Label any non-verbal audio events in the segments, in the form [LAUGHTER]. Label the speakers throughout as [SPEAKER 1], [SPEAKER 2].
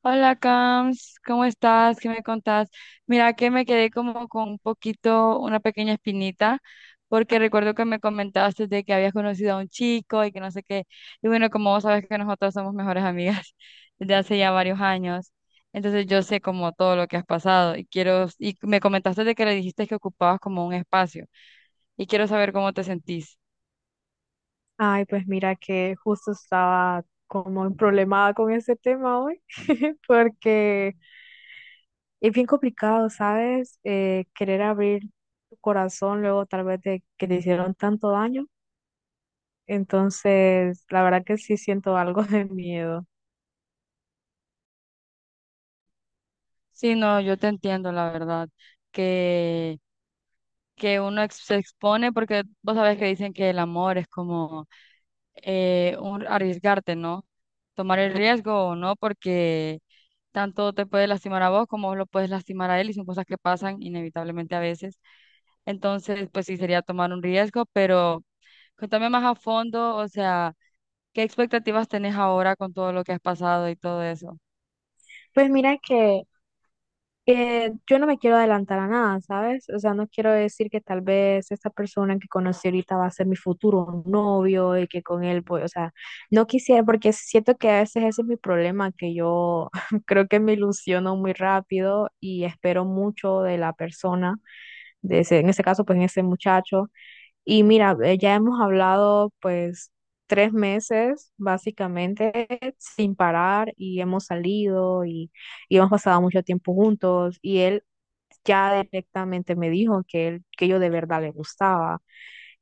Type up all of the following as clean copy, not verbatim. [SPEAKER 1] Hola, Cams, ¿cómo estás? ¿Qué me contás? Mira que me quedé como con un poquito, una pequeña espinita, porque recuerdo que me comentaste de que habías conocido a un chico y que no sé qué. Y bueno, como vos sabes que nosotros somos mejores amigas [LAUGHS] desde hace ya varios años, entonces yo sé como todo lo que has pasado y me comentaste de que le dijiste que ocupabas como un espacio y quiero saber cómo te sentís.
[SPEAKER 2] Ay, pues mira que justo estaba como en problemada con ese tema hoy, [LAUGHS] porque es bien complicado, ¿sabes? Querer abrir tu corazón luego tal vez de que te hicieron tanto daño. Entonces, la verdad que sí siento algo [LAUGHS] de miedo.
[SPEAKER 1] Sí, no, yo te entiendo, la verdad, que... que uno se expone, porque vos sabés que dicen que el amor es como un arriesgarte, ¿no? Tomar el riesgo o no, porque tanto te puede lastimar a vos como vos lo puedes lastimar a él y son cosas que pasan inevitablemente a veces. Entonces, pues sí, sería tomar un riesgo, pero cuéntame más a fondo, o sea, ¿qué expectativas tenés ahora con todo lo que has pasado y todo eso?
[SPEAKER 2] Pues mira que yo no me quiero adelantar a nada, ¿sabes? O sea, no quiero decir que tal vez esta persona que conocí ahorita va a ser mi futuro novio y que con él voy, o sea, no quisiera porque siento que a veces ese es mi problema, que yo [LAUGHS] creo que me ilusiono muy rápido y espero mucho de la persona, de ese, en este caso, pues en ese muchacho. Y mira, ya hemos hablado pues 3 meses básicamente sin parar, y hemos salido y hemos pasado mucho tiempo juntos, y él ya directamente me dijo que yo de verdad le gustaba,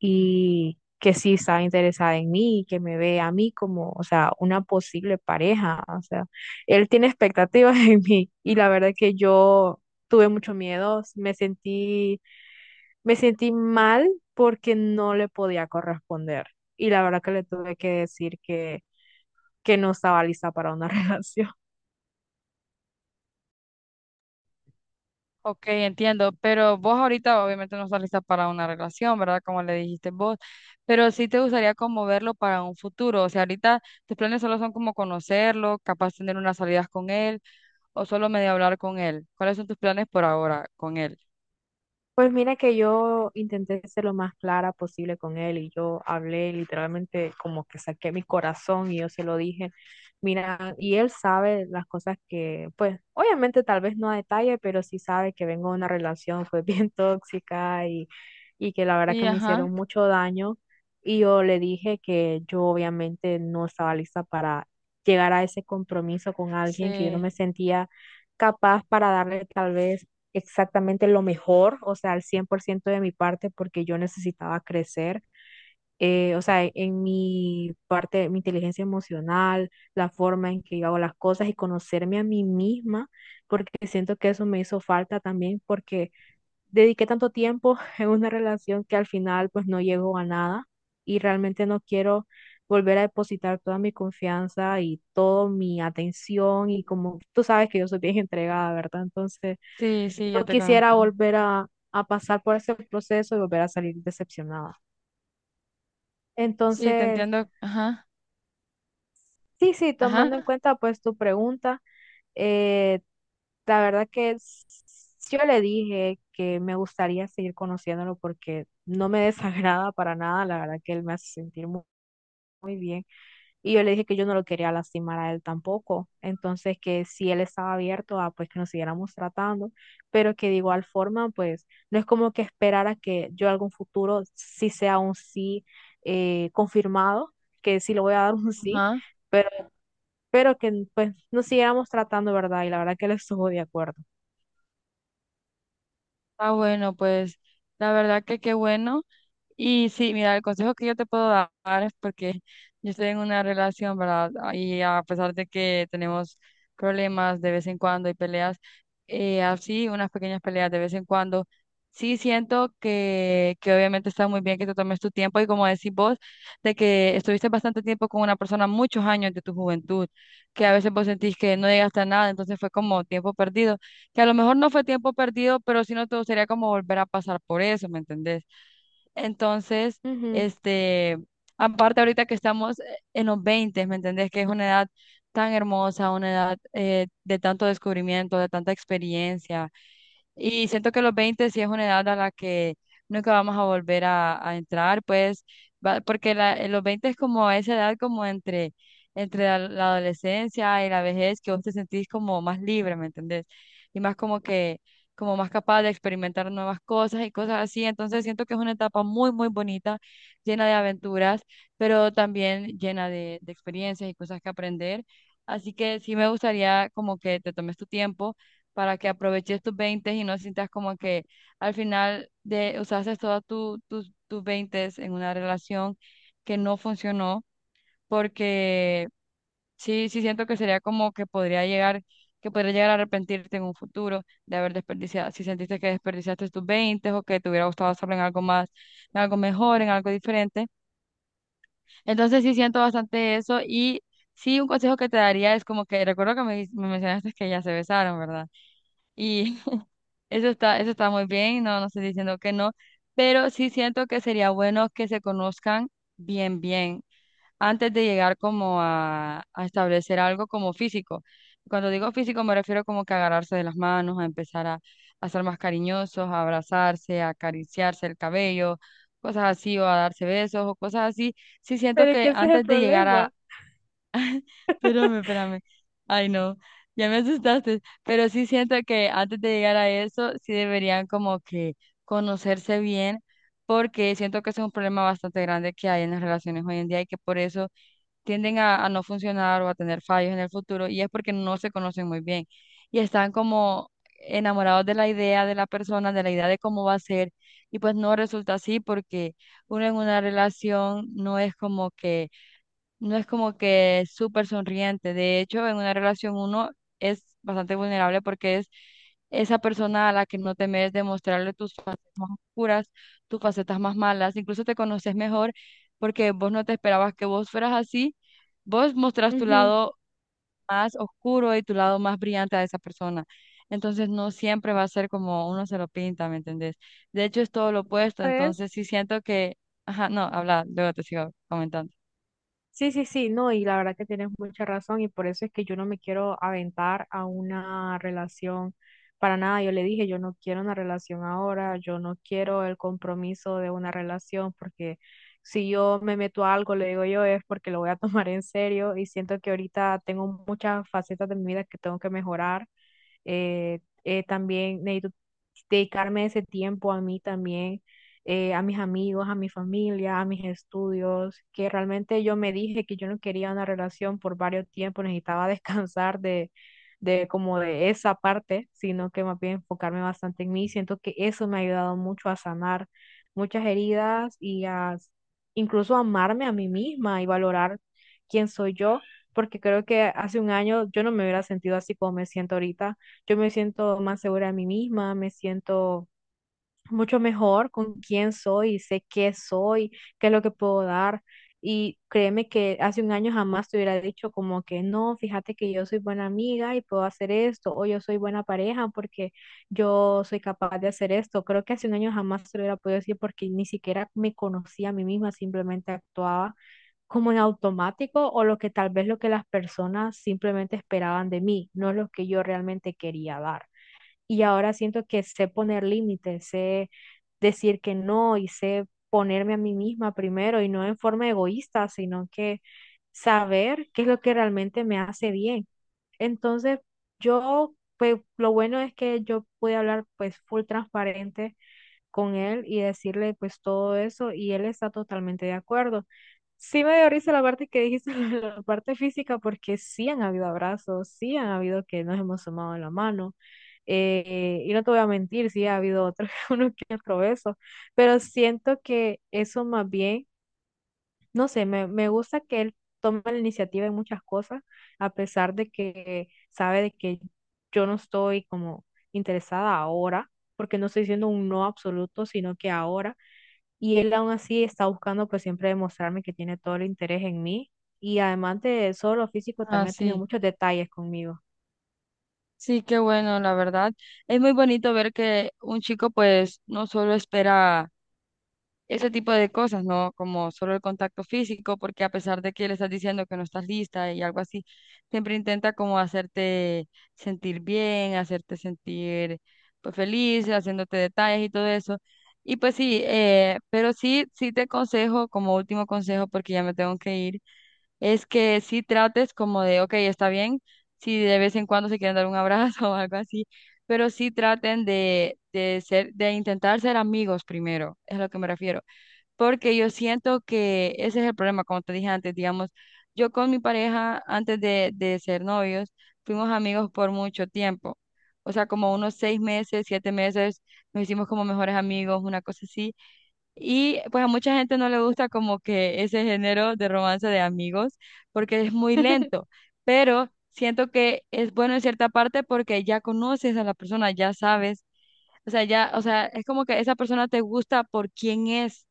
[SPEAKER 2] y que sí estaba interesada en mí y que me ve a mí como, o sea, una posible pareja. O sea, él tiene expectativas [LAUGHS] en mí, y la verdad que yo tuve mucho miedo, me sentí mal porque no le podía corresponder, y la verdad que le tuve que decir que no estaba lista para una [LAUGHS] relación.
[SPEAKER 1] Ok, entiendo, pero vos ahorita obviamente no estás lista para una relación, ¿verdad? Como le dijiste vos, pero sí te gustaría como verlo para un futuro, o sea, ahorita tus planes solo son como conocerlo, capaz tener unas salidas con él o solo medio hablar con él. ¿Cuáles son tus planes por ahora con él?
[SPEAKER 2] Pues mira que yo intenté ser lo más clara posible con él, y yo hablé literalmente como que saqué mi corazón y yo se lo dije, mira, y él sabe las cosas que, pues obviamente tal vez no a detalle, pero sí sabe que vengo de una relación fue bien [LAUGHS] tóxica, y que la verdad
[SPEAKER 1] Sí,
[SPEAKER 2] que me
[SPEAKER 1] ajá.
[SPEAKER 2] hicieron mucho daño. Y yo le dije que yo obviamente no estaba lista para llegar a ese compromiso con alguien, que yo no
[SPEAKER 1] Sí,
[SPEAKER 2] me sentía capaz para darle tal vez exactamente lo mejor, o sea, al 100% de mi parte, porque yo necesitaba crecer. O sea, en mi parte, mi inteligencia emocional, la forma en que yo hago las cosas y conocerme a mí misma, porque siento que eso me hizo falta también, porque dediqué tanto tiempo [LAUGHS] en una relación que al final pues no llegó a nada, y realmente no quiero volver a depositar toda mi confianza y toda mi atención, y como tú sabes que yo soy bien entregada, ¿verdad? Entonces
[SPEAKER 1] sí, sí,
[SPEAKER 2] no
[SPEAKER 1] yo te
[SPEAKER 2] quisiera
[SPEAKER 1] conozco.
[SPEAKER 2] volver a pasar por ese proceso y volver a salir decepcionada.
[SPEAKER 1] Sí, te
[SPEAKER 2] Entonces,
[SPEAKER 1] entiendo. Ajá,
[SPEAKER 2] sí, sí,
[SPEAKER 1] ajá,
[SPEAKER 2] tomando en cuenta pues tu pregunta, eh, la verdad que yo le dije que me gustaría seguir conociéndolo porque no me [LAUGHS] desagrada para nada, la verdad que él me hace sentir muy bien. Y yo le dije que yo no lo quería lastimar a él tampoco. Entonces, que si él estaba abierto a pues que nos siguiéramos tratando, pero que de igual forma, pues no es como que esperara que yo algún futuro sí sea un sí confirmado, que sí le voy a dar [LAUGHS] un sí,
[SPEAKER 1] ajá.
[SPEAKER 2] pero, pero que pues nos siguiéramos tratando, ¿verdad? Y la verdad que él estuvo de acuerdo.
[SPEAKER 1] Ah, bueno, pues la verdad que qué bueno. Y sí, mira, el consejo que yo te puedo dar es porque yo estoy en una relación, ¿verdad? Y a pesar de que tenemos problemas de vez en cuando y peleas, así, unas pequeñas peleas de vez en cuando, sí siento que obviamente está muy bien que te tomes tu tiempo y como decís vos, de que estuviste bastante tiempo con una persona, muchos años de tu juventud, que a veces vos sentís que no llegaste a nada, entonces fue como tiempo perdido, que a lo mejor no fue tiempo perdido, pero sí no te gustaría como volver a pasar por eso, ¿me entendés? Entonces,
[SPEAKER 2] Ujú.
[SPEAKER 1] este, aparte ahorita que estamos en los veinte, ¿me entendés? Que es una edad tan hermosa, una edad de tanto descubrimiento, de tanta experiencia, y siento que los 20 sí es una edad a la que nunca vamos a volver a entrar, pues, en los 20 es como esa edad como entre la adolescencia y la vejez, que vos te sentís como más libre, ¿me entendés? Y más como que, como más capaz de experimentar nuevas cosas y cosas así. Entonces siento que es una etapa muy, muy bonita, llena de aventuras, pero también llena de experiencias y cosas que aprender. Así que sí me gustaría como que te tomes tu tiempo para que aproveches tus 20 y no sientas como que al final de usaste todos tu, tus tus 20 en una relación que no funcionó, porque sí, sí siento que sería como que podría llegar a arrepentirte en un futuro de haber desperdiciado, si sentiste que desperdiciaste tus 20 o que te hubiera gustado hacerlo en algo más, en algo mejor, en algo diferente. Entonces sí siento bastante eso y... Sí, un consejo que te daría es como que, recuerdo que me mencionaste que ya se besaron, ¿verdad? Y eso está, eso está muy bien, no, no estoy diciendo que no, pero sí siento que sería bueno que se conozcan bien, bien, antes de llegar como a establecer algo como físico. Cuando digo físico me refiero como que agarrarse de las manos, a empezar a ser más cariñosos, a abrazarse, a acariciarse el cabello, cosas así, o a darse besos o cosas así. Sí siento
[SPEAKER 2] Pero es
[SPEAKER 1] que
[SPEAKER 2] que ese es el
[SPEAKER 1] antes de llegar.
[SPEAKER 2] problema.
[SPEAKER 1] Espérame, espérame. Ay, no, ya me asustaste. Pero sí siento que antes de llegar a eso, sí deberían como que conocerse bien, porque siento que ese es un problema bastante grande que hay en las relaciones hoy en día y que por eso tienden a no funcionar o a tener fallos en el futuro, y es porque no se conocen muy bien y están como enamorados de la idea de la persona, de la idea de cómo va a ser, y pues no resulta así porque uno en una relación no es como que no es como que súper sonriente. De hecho, en una relación uno es bastante vulnerable porque es esa persona a la que no temes demostrarle tus facetas más oscuras, tus facetas más malas. Incluso te conoces mejor porque vos no te esperabas que vos fueras así. Vos mostrás tu
[SPEAKER 2] Ujú.
[SPEAKER 1] lado más oscuro y tu lado más brillante a esa persona. Entonces no siempre va a ser como uno se lo pinta, ¿me entendés? De hecho, es todo lo opuesto.
[SPEAKER 2] ¿Sabes?
[SPEAKER 1] Entonces sí siento que... Ajá, no, habla, luego te sigo comentando.
[SPEAKER 2] Sí, sí, sí, no, y la verdad que tienes mucha razón, y por eso es que yo no me quiero aventar a una relación para nada. Yo le dije, yo no quiero una relación ahora, yo no quiero el compromiso de una relación, porque si yo me meto a algo, le digo yo, es porque lo voy a [LAUGHS] tomar en serio, y siento que ahorita tengo muchas facetas de mi vida que tengo que mejorar. También necesito dedicarme ese tiempo a mí también, a mis amigos, a mi familia, a mis estudios, que realmente yo me dije que yo no quería una relación por varios tiempos, necesitaba [LAUGHS] descansar de como de esa parte, sino que más bien enfocarme bastante en mí. Siento que eso me ha ayudado mucho a sanar muchas heridas y incluso amarme a mí misma y valorar quién soy yo, porque creo que hace un año yo no me hubiera sentido así como me siento ahorita. Yo me siento más segura de mí misma, me siento mucho mejor con quién soy, sé qué soy, qué es lo que puedo dar. Y créeme que hace un año jamás te hubiera dicho como que no, fíjate que yo soy buena amiga y puedo hacer esto, o yo soy buena pareja porque yo soy capaz de hacer esto. Creo que hace un año jamás te lo hubiera podido decir porque ni siquiera me conocía a mí misma, simplemente actuaba como en automático o lo que tal vez lo que las personas simplemente esperaban de mí, no lo que yo realmente quería dar. Y ahora siento que sé poner límites, sé decir que no, y sé ponerme a mí misma primero y no en forma egoísta, sino que saber qué es lo que realmente me hace bien. Entonces, yo, pues lo bueno es que yo pude hablar pues full transparente con él y decirle pues todo eso, y él está totalmente de acuerdo. Sí me dio risa la parte que dijiste, [LAUGHS] la parte física, porque sí han habido abrazos, sí han habido que nos hemos tomado la mano. Y no te voy a mentir, sí ha habido otro, [LAUGHS] uno que otro beso, pero siento que eso más bien no sé, me gusta que él tome la iniciativa en muchas cosas, a pesar de que sabe de que yo no estoy como interesada ahora, porque no estoy diciendo un no absoluto, sino que ahora, y él aún así está buscando pues siempre demostrarme que tiene todo el interés en mí, y además de solo físico,
[SPEAKER 1] Ah,
[SPEAKER 2] también ha tenido
[SPEAKER 1] sí.
[SPEAKER 2] muchos detalles conmigo.
[SPEAKER 1] Sí, qué bueno, la verdad. Es muy bonito ver que un chico pues no solo espera ese tipo de cosas, ¿no? Como solo el contacto físico, porque a pesar de que le estás diciendo que no estás lista y algo así, siempre intenta como hacerte sentir bien, hacerte sentir pues feliz, haciéndote detalles y todo eso. Y pues sí, pero sí, sí te aconsejo como último consejo, porque ya me tengo que ir es que sí trates como de, ok, está bien, si de vez en cuando se quieren dar un abrazo [LAUGHS] o algo así, pero sí traten de intentar ser amigos primero, es a lo que me refiero, porque yo siento que ese es el problema, como te dije antes, digamos, yo con mi pareja, antes de ser novios, fuimos amigos por mucho tiempo. O sea, como unos 6 meses, 7 meses, nos hicimos como mejores amigos, una cosa así y pues a mucha gente no le gusta como que ese género de romance de amigos porque es muy lento,
[SPEAKER 2] [LAUGHS]
[SPEAKER 1] pero siento que es bueno en cierta parte porque ya conoces a la persona, ya sabes, o sea, ya, o sea, es como que esa persona te gusta por quién es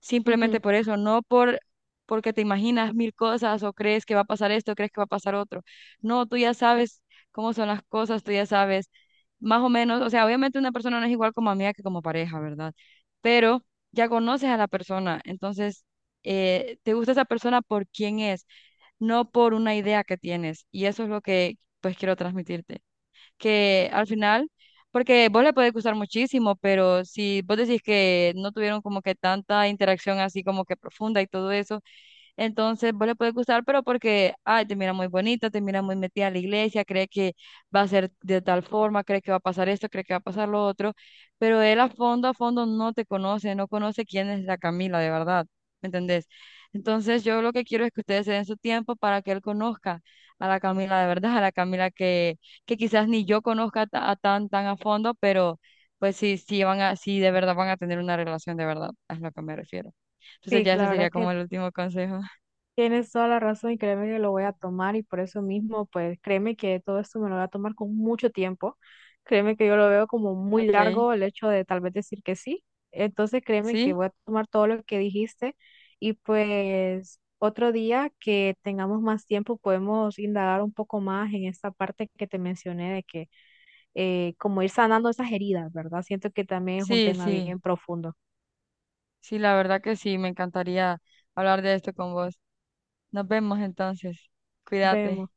[SPEAKER 1] simplemente
[SPEAKER 2] Ujú.
[SPEAKER 1] por eso, no por porque te imaginas mil cosas o crees que va a pasar esto, crees que va a pasar otro. No, tú ya sabes cómo son las cosas, tú ya sabes más o menos, o sea, obviamente una persona no es igual como amiga que como pareja, ¿verdad? Pero ya conoces a la persona, entonces te gusta esa persona por quién es, no por una idea que tienes, y eso es lo que pues quiero transmitirte que al final, porque vos le puede gustar muchísimo, pero si vos decís que no tuvieron como que tanta interacción así como que profunda y todo eso, entonces, vos le puede gustar, pero porque, ay, te mira muy bonita, te mira muy metida en la iglesia, cree que va a ser de tal forma, cree que va a pasar esto, cree que va a pasar lo otro, pero él a fondo no te conoce, no conoce quién es la Camila de verdad, ¿me entendés? Entonces, yo lo que quiero es que ustedes se den su tiempo para que él conozca a la Camila de verdad, a la Camila que quizás ni yo conozca a tan, tan a fondo, pero pues sí, sí de verdad van a tener una relación de verdad, es lo que me refiero. Entonces
[SPEAKER 2] Sí,
[SPEAKER 1] ya ese
[SPEAKER 2] la
[SPEAKER 1] sería
[SPEAKER 2] verdad
[SPEAKER 1] como
[SPEAKER 2] que
[SPEAKER 1] el último consejo.
[SPEAKER 2] tienes toda la razón, y créeme que lo voy a tomar, y por eso mismo, pues créeme que todo esto me lo voy a tomar con mucho tiempo. Créeme que yo lo veo como muy
[SPEAKER 1] Okay,
[SPEAKER 2] largo el hecho de tal vez decir que sí. Entonces créeme que
[SPEAKER 1] sí,
[SPEAKER 2] voy a tomar todo lo que dijiste, y pues otro día que tengamos más tiempo podemos indagar un poco más en esta parte que te mencioné de que como ir sanando esas heridas, ¿verdad? Siento que también es un
[SPEAKER 1] sí,
[SPEAKER 2] tema
[SPEAKER 1] sí,
[SPEAKER 2] bien profundo.
[SPEAKER 1] sí, la verdad que sí, me encantaría hablar de esto con vos. Nos vemos entonces, cuídate.
[SPEAKER 2] Vemos.